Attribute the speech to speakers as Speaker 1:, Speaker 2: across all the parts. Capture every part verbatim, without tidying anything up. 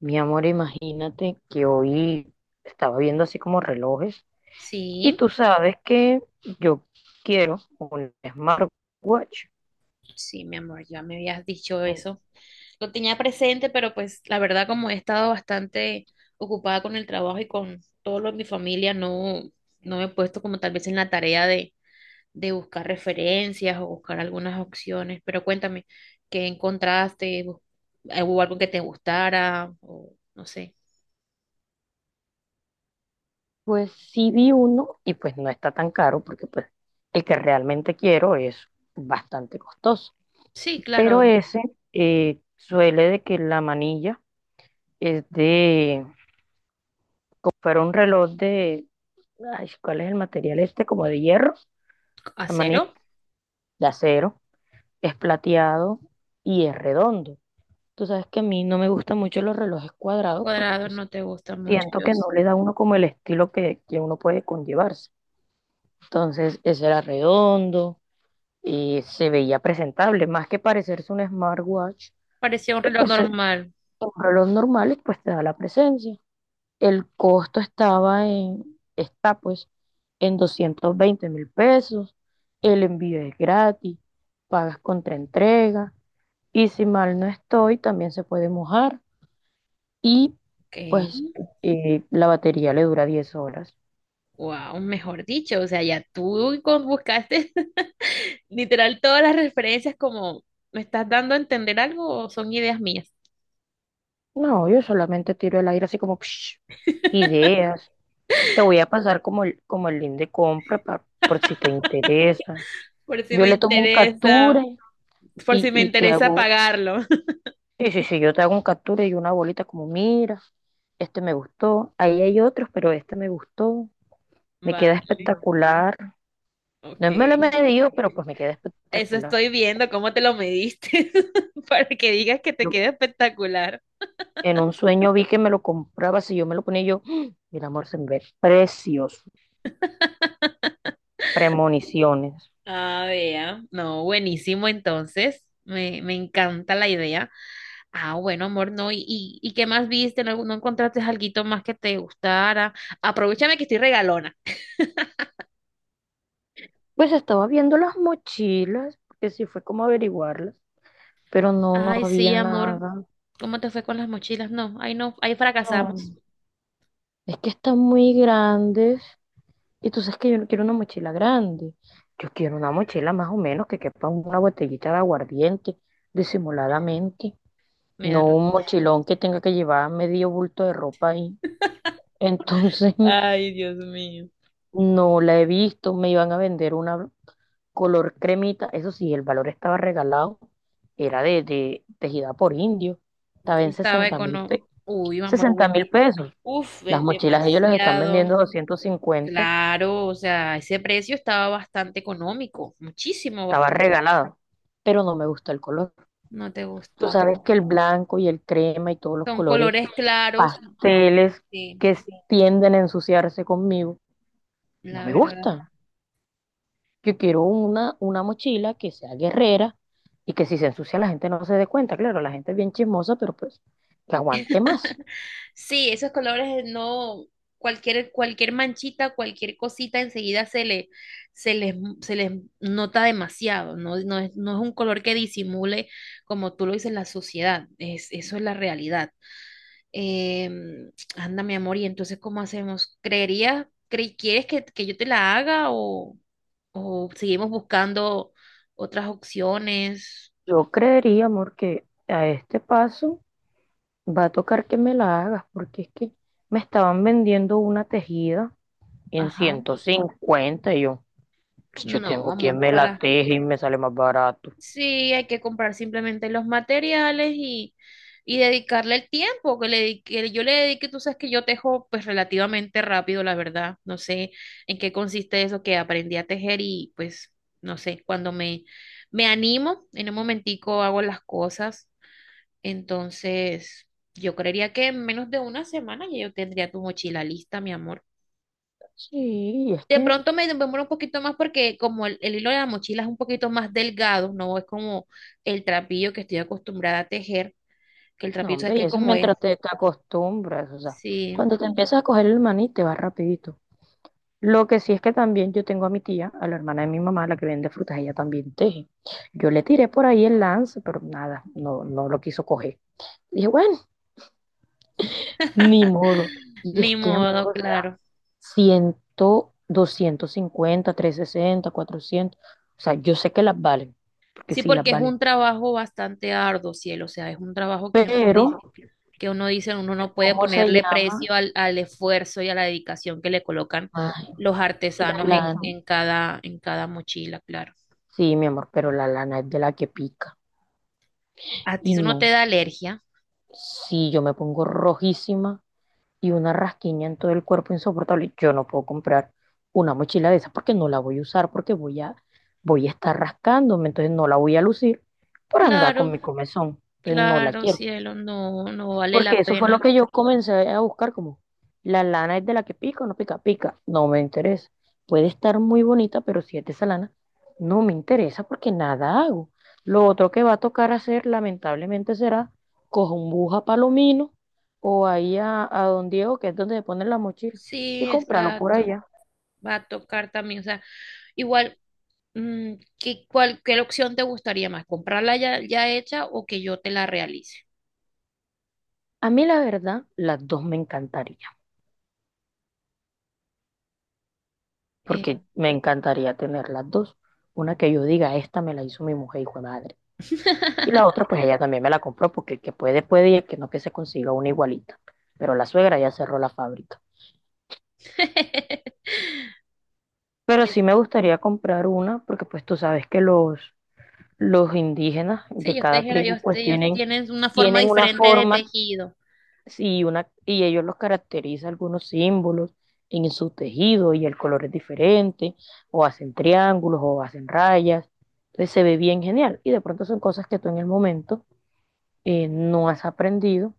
Speaker 1: Mi amor, imagínate que hoy estaba viendo así como relojes, y
Speaker 2: Sí,
Speaker 1: tú sabes que yo quiero un smartwatch.
Speaker 2: sí, mi amor, ya me habías dicho eso. Lo tenía presente, pero pues la verdad como he estado bastante ocupada con el trabajo y con todo lo de mi familia, no, no me he puesto como tal vez en la tarea de, de buscar referencias o buscar algunas opciones. Pero cuéntame, ¿qué encontraste? ¿Bus- ¿Hubo algo que te gustara? O no sé.
Speaker 1: Pues sí vi uno y pues no está tan caro porque pues el que realmente quiero es bastante costoso.
Speaker 2: Sí,
Speaker 1: Pero
Speaker 2: claro,
Speaker 1: ese eh, suele de que la manilla es de, fuera un reloj de, ay, ¿cuál es el material este? Como de hierro, la manilla
Speaker 2: acero
Speaker 1: de acero, es plateado y es redondo. Tú sabes que a mí no me gustan mucho los relojes cuadrados porque
Speaker 2: cuadrado
Speaker 1: pues
Speaker 2: no te gusta mucho,
Speaker 1: siento
Speaker 2: yo
Speaker 1: que no
Speaker 2: sé.
Speaker 1: le da a uno como el estilo que, que uno puede conllevarse. Entonces, ese era redondo y se veía presentable, más que parecerse un smartwatch,
Speaker 2: Parecía un
Speaker 1: eh,
Speaker 2: reloj
Speaker 1: pues eh,
Speaker 2: normal.
Speaker 1: un reloj normal y pues te da la presencia. El costo estaba en, está pues en doscientos veinte mil pesos, el envío es gratis, pagas contra entrega y si mal no estoy, también se puede mojar. Y
Speaker 2: Ok.
Speaker 1: pues eh, la batería le dura diez horas.
Speaker 2: Wow, mejor dicho, o sea, ya tú con- buscaste literal todas las referencias como, ¿me estás dando a entender algo o son ideas mías?
Speaker 1: No, yo solamente tiro el aire así como psh, ideas. Te voy a pasar como el, como el link de compra pa- por si te interesa.
Speaker 2: Por si
Speaker 1: Yo
Speaker 2: me
Speaker 1: le tomo un captura
Speaker 2: interesa, por
Speaker 1: y,
Speaker 2: si me
Speaker 1: y te
Speaker 2: interesa
Speaker 1: hago,
Speaker 2: pagarlo.
Speaker 1: sí, sí, sí, yo te hago un captura y una bolita como, mira, este me gustó, ahí hay otros, pero este me gustó, me queda
Speaker 2: Vale,
Speaker 1: espectacular.
Speaker 2: ok.
Speaker 1: No me lo he medido, pero pues me queda
Speaker 2: Eso
Speaker 1: espectacular.
Speaker 2: estoy viendo, cómo te lo mediste para que digas que te
Speaker 1: Yo
Speaker 2: queda espectacular.
Speaker 1: En un sueño vi que me lo compraba, si yo me lo ponía yo, ¡ah! El amor, se me ve precioso, premoniciones.
Speaker 2: Ah, vea. No, buenísimo entonces. Me, me encanta la idea. Ah, bueno, amor, no. ¿Y, y, y qué más viste? ¿No, no encontraste alguito más que te gustara? Aprovechame que estoy regalona.
Speaker 1: Pues estaba viendo las mochilas, porque sí fue como averiguarlas, pero no, no
Speaker 2: Ay, sí,
Speaker 1: había
Speaker 2: amor.
Speaker 1: nada.
Speaker 2: ¿Cómo te fue con las mochilas? No, ahí no, ahí fracasamos.
Speaker 1: No, es que están muy grandes y tú sabes que yo no quiero una mochila grande. Yo quiero una mochila más o menos que quepa una botellita de aguardiente, disimuladamente. No
Speaker 2: Míralo.
Speaker 1: un mochilón que tenga que llevar medio bulto de ropa ahí. Entonces,
Speaker 2: Ay, Dios mío.
Speaker 1: no la he visto, me iban a vender una color cremita, eso sí, el valor estaba regalado, era de, de tejida por indio, estaba en
Speaker 2: Estaba
Speaker 1: sesenta mil
Speaker 2: económico.
Speaker 1: pe
Speaker 2: Uy, amor,
Speaker 1: sesenta mil
Speaker 2: buenísimo.
Speaker 1: pesos.
Speaker 2: Uf,
Speaker 1: Las
Speaker 2: es
Speaker 1: mochilas ellos las están vendiendo
Speaker 2: demasiado.
Speaker 1: doscientos cincuenta,
Speaker 2: Claro, o sea, ese precio estaba bastante económico. Muchísimo,
Speaker 1: estaba
Speaker 2: bastante.
Speaker 1: regalado, pero no me gusta el color.
Speaker 2: No te
Speaker 1: Tú
Speaker 2: gustó.
Speaker 1: sabes que el blanco y el crema y todos los
Speaker 2: Son
Speaker 1: colores
Speaker 2: colores claros,
Speaker 1: pasteles
Speaker 2: sí,
Speaker 1: que s- tienden a ensuciarse conmigo, no
Speaker 2: la
Speaker 1: me
Speaker 2: verdad.
Speaker 1: gustan. Yo quiero una, una mochila que sea guerrera y que si se ensucia la gente no se dé cuenta. Claro, la gente es bien chismosa, pero pues que aguante más.
Speaker 2: Sí, esos colores no, cualquier, cualquier manchita, cualquier cosita enseguida se le, se les, se les nota demasiado. No, no es, no es un color que disimule, como tú lo dices, la sociedad. Es, eso es la realidad. Em, anda, mi amor, y entonces, ¿cómo hacemos? ¿Creerías, cre- quieres que, que yo te la haga o, o seguimos buscando otras opciones?
Speaker 1: Yo creería, amor, que a este paso va a tocar que me la hagas, porque es que me estaban vendiendo una tejida en
Speaker 2: Ajá.
Speaker 1: ciento cincuenta y yo, pues, yo
Speaker 2: No,
Speaker 1: tengo quien
Speaker 2: amor,
Speaker 1: me la
Speaker 2: para.
Speaker 1: teje y me sale más barato.
Speaker 2: Sí, hay que comprar simplemente los materiales y, y dedicarle el tiempo que le dedique- que yo le dedique. Tú sabes que yo tejo pues relativamente rápido, la verdad. No sé en qué consiste eso que aprendí a tejer y pues no sé, cuando me, me animo, en un momentico hago las cosas. Entonces, yo creería que en menos de una semana ya yo tendría tu mochila lista, mi amor.
Speaker 1: Sí, y es
Speaker 2: De
Speaker 1: que,
Speaker 2: pronto me demoro un poquito más porque como el, el hilo de la mochila es un poquito más delgado, no es como el trapillo que estoy acostumbrada a tejer, que el
Speaker 1: no,
Speaker 2: trapillo, ¿sabes
Speaker 1: hombre, y
Speaker 2: qué?
Speaker 1: eso es
Speaker 2: Como es.
Speaker 1: mientras te, te acostumbras, o sea,
Speaker 2: Sí,
Speaker 1: cuando te empiezas a coger el maní te va rapidito. Lo que sí es que también yo tengo a mi tía, a la hermana de mi mamá, la que vende frutas, ella también teje. Yo le tiré por ahí el lance, pero nada, no, no lo quiso coger. Dije, bueno, ni modo. Y es
Speaker 2: ni
Speaker 1: que, amor,
Speaker 2: modo,
Speaker 1: o sea,
Speaker 2: claro.
Speaker 1: cien, doscientos cincuenta, trescientos sesenta, cuatrocientos. O sea, yo sé que las valen, porque
Speaker 2: Sí,
Speaker 1: sí las
Speaker 2: porque es
Speaker 1: valen.
Speaker 2: un trabajo bastante arduo, cielo, o sea, es un trabajo que uno
Speaker 1: Pero,
Speaker 2: dice, que uno dice, uno no puede
Speaker 1: ¿cómo se
Speaker 2: ponerle
Speaker 1: llama?
Speaker 2: precio al, al esfuerzo y a la dedicación que le colocan
Speaker 1: Ay,
Speaker 2: los
Speaker 1: la
Speaker 2: artesanos en,
Speaker 1: lana.
Speaker 2: en cada, en cada mochila, claro.
Speaker 1: Sí, mi amor, pero la lana es de la que pica.
Speaker 2: ¿A ti
Speaker 1: Y
Speaker 2: eso no te
Speaker 1: no,
Speaker 2: da alergia?
Speaker 1: si yo me pongo rojísima y una rasquiña en todo el cuerpo insoportable. Yo no puedo comprar una mochila de esas porque no la voy a usar, porque voy a, voy a estar rascándome, entonces no la voy a lucir por andar con
Speaker 2: Claro.
Speaker 1: mi comezón. Entonces no la
Speaker 2: Claro,
Speaker 1: quiero.
Speaker 2: cielo, no, no vale
Speaker 1: Porque
Speaker 2: la
Speaker 1: eso fue lo
Speaker 2: pena.
Speaker 1: que yo comencé a buscar, como la lana es de la que pica o no pica, pica, no me interesa. Puede estar muy bonita, pero si es de esa lana, no me interesa porque nada hago. Lo otro que va a tocar hacer, lamentablemente, será cojo un bus a Palomino o ahí a, a Don Diego, que es donde se ponen las mochilas, y
Speaker 2: Sí,
Speaker 1: comprarlo por
Speaker 2: exacto.
Speaker 1: allá.
Speaker 2: Va a tocar también, o sea, igual, mm, ¿qué, cuál, qué opción te gustaría más? ¿Comprarla ya, ya hecha o que yo te la realice?
Speaker 1: A mí, la verdad, las dos me encantaría,
Speaker 2: Eh.
Speaker 1: porque me encantaría tener las dos. Una que yo diga, esta me la hizo mi mujer, hijo de madre. Y la otra, pues ella también me la compró porque el que puede, puede y el que no, que se consiga una igualita. Pero la suegra ya cerró la fábrica. Pero
Speaker 2: Pues
Speaker 1: sí me
Speaker 2: sí,
Speaker 1: gustaría comprar una porque pues tú sabes que los, los indígenas
Speaker 2: sí,
Speaker 1: de
Speaker 2: ellos
Speaker 1: cada
Speaker 2: tejen,
Speaker 1: tribu
Speaker 2: ellos,
Speaker 1: pues
Speaker 2: ellos
Speaker 1: tienen,
Speaker 2: tienen una forma
Speaker 1: tienen una
Speaker 2: diferente de
Speaker 1: forma
Speaker 2: tejido.
Speaker 1: y, una, y ellos los caracteriza algunos símbolos en su tejido y el color es diferente, o hacen triángulos o hacen rayas. Entonces se ve bien genial y de pronto son cosas que tú en el momento eh, no has aprendido.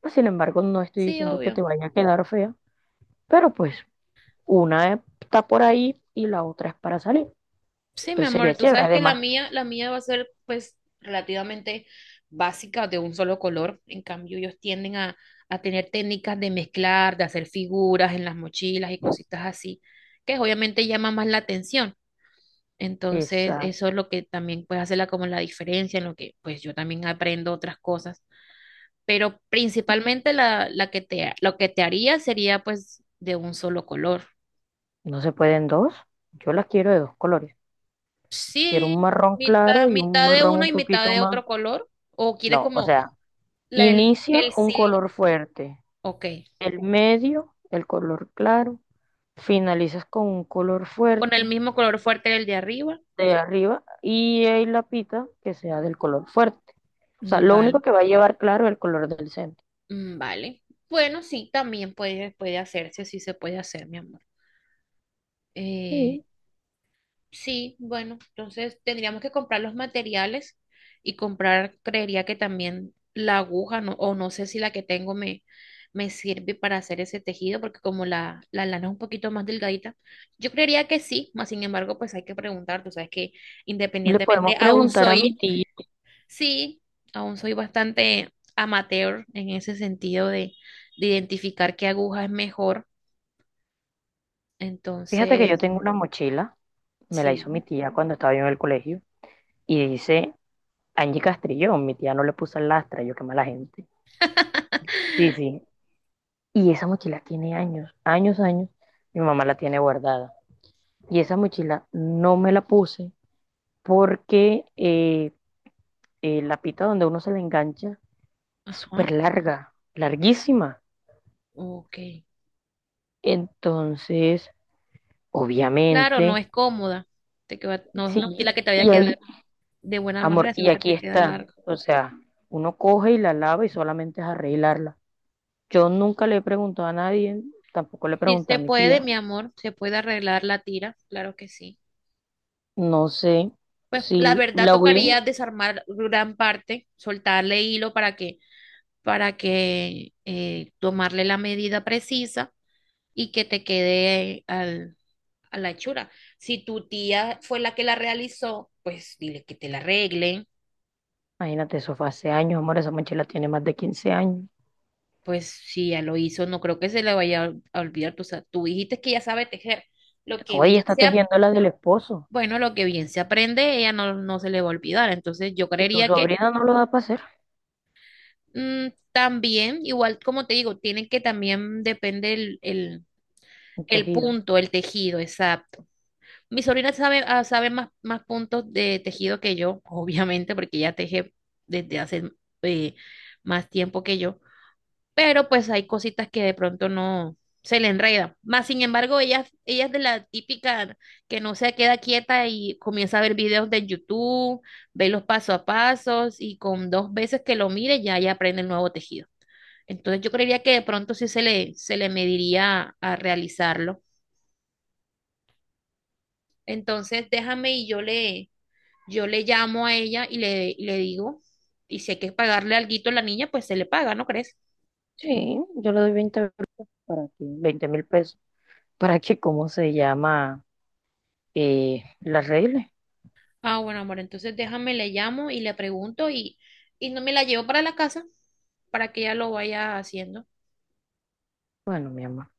Speaker 1: Pues, sin embargo, no estoy
Speaker 2: Sí,
Speaker 1: diciendo que
Speaker 2: obvio.
Speaker 1: te vaya a quedar fea, pero pues una está por ahí y la otra es para salir.
Speaker 2: Sí, mi
Speaker 1: Pues
Speaker 2: amor,
Speaker 1: sería
Speaker 2: tú
Speaker 1: chévere.
Speaker 2: sabes que la
Speaker 1: Además,
Speaker 2: mía, la mía va a ser pues relativamente básica de un solo color. En cambio, ellos tienden a, a tener técnicas de mezclar, de hacer figuras en las mochilas y cositas así, que obviamente llama más la atención. Entonces,
Speaker 1: esa
Speaker 2: eso es lo que también puede hacerla como la diferencia, en lo que pues yo también aprendo otras cosas. Pero principalmente la, la que te, lo que te haría sería pues de un solo color.
Speaker 1: no se pueden dos. Yo las quiero de dos colores. Quiero un
Speaker 2: Sí,
Speaker 1: marrón
Speaker 2: mitad,
Speaker 1: claro y un
Speaker 2: mitad de
Speaker 1: marrón
Speaker 2: uno
Speaker 1: un
Speaker 2: y mitad
Speaker 1: poquito
Speaker 2: de
Speaker 1: más.
Speaker 2: otro color. ¿O quieres
Speaker 1: No, o
Speaker 2: como
Speaker 1: sea,
Speaker 2: la- el,
Speaker 1: inicia
Speaker 2: el
Speaker 1: un
Speaker 2: sil-
Speaker 1: color fuerte,
Speaker 2: Ok.
Speaker 1: el medio, el color claro, finalizas con un color
Speaker 2: Con el
Speaker 1: fuerte
Speaker 2: mismo color fuerte del de arriba.
Speaker 1: de arriba, y ahí la pita que sea del color fuerte. O sea,
Speaker 2: Mm,
Speaker 1: lo único
Speaker 2: vale.
Speaker 1: que va a llevar claro es el color del centro.
Speaker 2: Mm, vale. Bueno, sí, también puede, puede hacerse, sí se puede hacer, mi amor. Eh,
Speaker 1: Sí,
Speaker 2: Sí, bueno, entonces tendríamos que comprar los materiales y comprar, creería que también la aguja, no, o no sé si la que tengo me, me sirve para hacer ese tejido, porque como la, la lana es un poquito más delgadita, yo creería que sí, más sin embargo, pues hay que preguntar, tú sabes que
Speaker 1: le
Speaker 2: independientemente,
Speaker 1: podemos
Speaker 2: aún
Speaker 1: preguntar a
Speaker 2: soy,
Speaker 1: mi tía.
Speaker 2: sí, aún soy bastante amateur en ese sentido de, de identificar qué aguja es mejor,
Speaker 1: Fíjate que yo
Speaker 2: entonces,
Speaker 1: tengo una mochila, me la hizo mi
Speaker 2: sí,
Speaker 1: tía cuando estaba yo en el colegio, y dice Angie Castrillón, mi tía no le puso el Lastra, yo qué mala gente. Sí, sí. Y esa mochila tiene años, años, años, mi mamá la tiene guardada. Y esa mochila no me la puse porque eh, eh, la pita donde uno se le engancha es
Speaker 2: ajá,
Speaker 1: súper larga, larguísima.
Speaker 2: ok.
Speaker 1: Entonces,
Speaker 2: Claro, no
Speaker 1: obviamente,
Speaker 2: es cómoda, te queda- no es una
Speaker 1: sí.
Speaker 2: pila que te vaya a
Speaker 1: Y ahí,
Speaker 2: quedar de buena
Speaker 1: amor,
Speaker 2: manera,
Speaker 1: y
Speaker 2: sino que
Speaker 1: aquí
Speaker 2: te queda
Speaker 1: está,
Speaker 2: larga.
Speaker 1: o sea, uno coge y la lava y solamente es arreglarla. Yo nunca le he preguntado a nadie, tampoco le
Speaker 2: Sí
Speaker 1: pregunté a
Speaker 2: se
Speaker 1: mi
Speaker 2: puede,
Speaker 1: tía.
Speaker 2: mi amor, se puede arreglar la tira, claro que sí.
Speaker 1: No sé
Speaker 2: Pues
Speaker 1: si
Speaker 2: la verdad
Speaker 1: la hubieran,
Speaker 2: tocaría desarmar gran parte, soltarle hilo para que, para que eh, tomarle la medida precisa y que te quede al- a la hechura. Si tu tía fue la que la realizó, pues dile que te la arregle.
Speaker 1: imagínate, eso fue hace años, amor, esa mochila tiene más de quince años.
Speaker 2: Pues si ya lo hizo, no creo que se le vaya a a olvidar. Tú, sa- tú dijiste que ya sabe tejer. Lo que
Speaker 1: No, ella
Speaker 2: bien
Speaker 1: está
Speaker 2: se, ap-
Speaker 1: tejiendo la del esposo
Speaker 2: bueno, lo que bien se aprende, ella no, no se le va a olvidar. Entonces yo
Speaker 1: y tu
Speaker 2: creería que
Speaker 1: sobrina no lo da para hacer
Speaker 2: mm, también, igual como te digo, tiene que también depende el, el,
Speaker 1: un
Speaker 2: el
Speaker 1: tejido.
Speaker 2: punto, el tejido, exacto. Mi sobrina sabe, ah, sabe más, más puntos de tejido que yo, obviamente, porque ella teje desde hace eh, más tiempo que yo. Pero pues hay cositas que de pronto no se le enredan. Más sin embargo, ella, ella es de la típica que no se queda quieta y comienza a ver videos de YouTube, ve los paso a pasos y con dos veces que lo mire ya, ya aprende el nuevo tejido. Entonces yo creería que de pronto sí se le, se le mediría a realizarlo. Entonces déjame y yo le, yo le llamo a ella y le, y le digo, y si hay que pagarle alguito a la niña, pues se le paga, ¿no crees?
Speaker 1: Sí, yo le doy veinte euros para que, veinte mil pesos para que, ¿cómo se llama? Eh, la arregle.
Speaker 2: Ah, bueno, amor, entonces déjame, le llamo y le pregunto y, y no me la llevo para la casa para que ella lo vaya haciendo.
Speaker 1: Bueno, mi amor.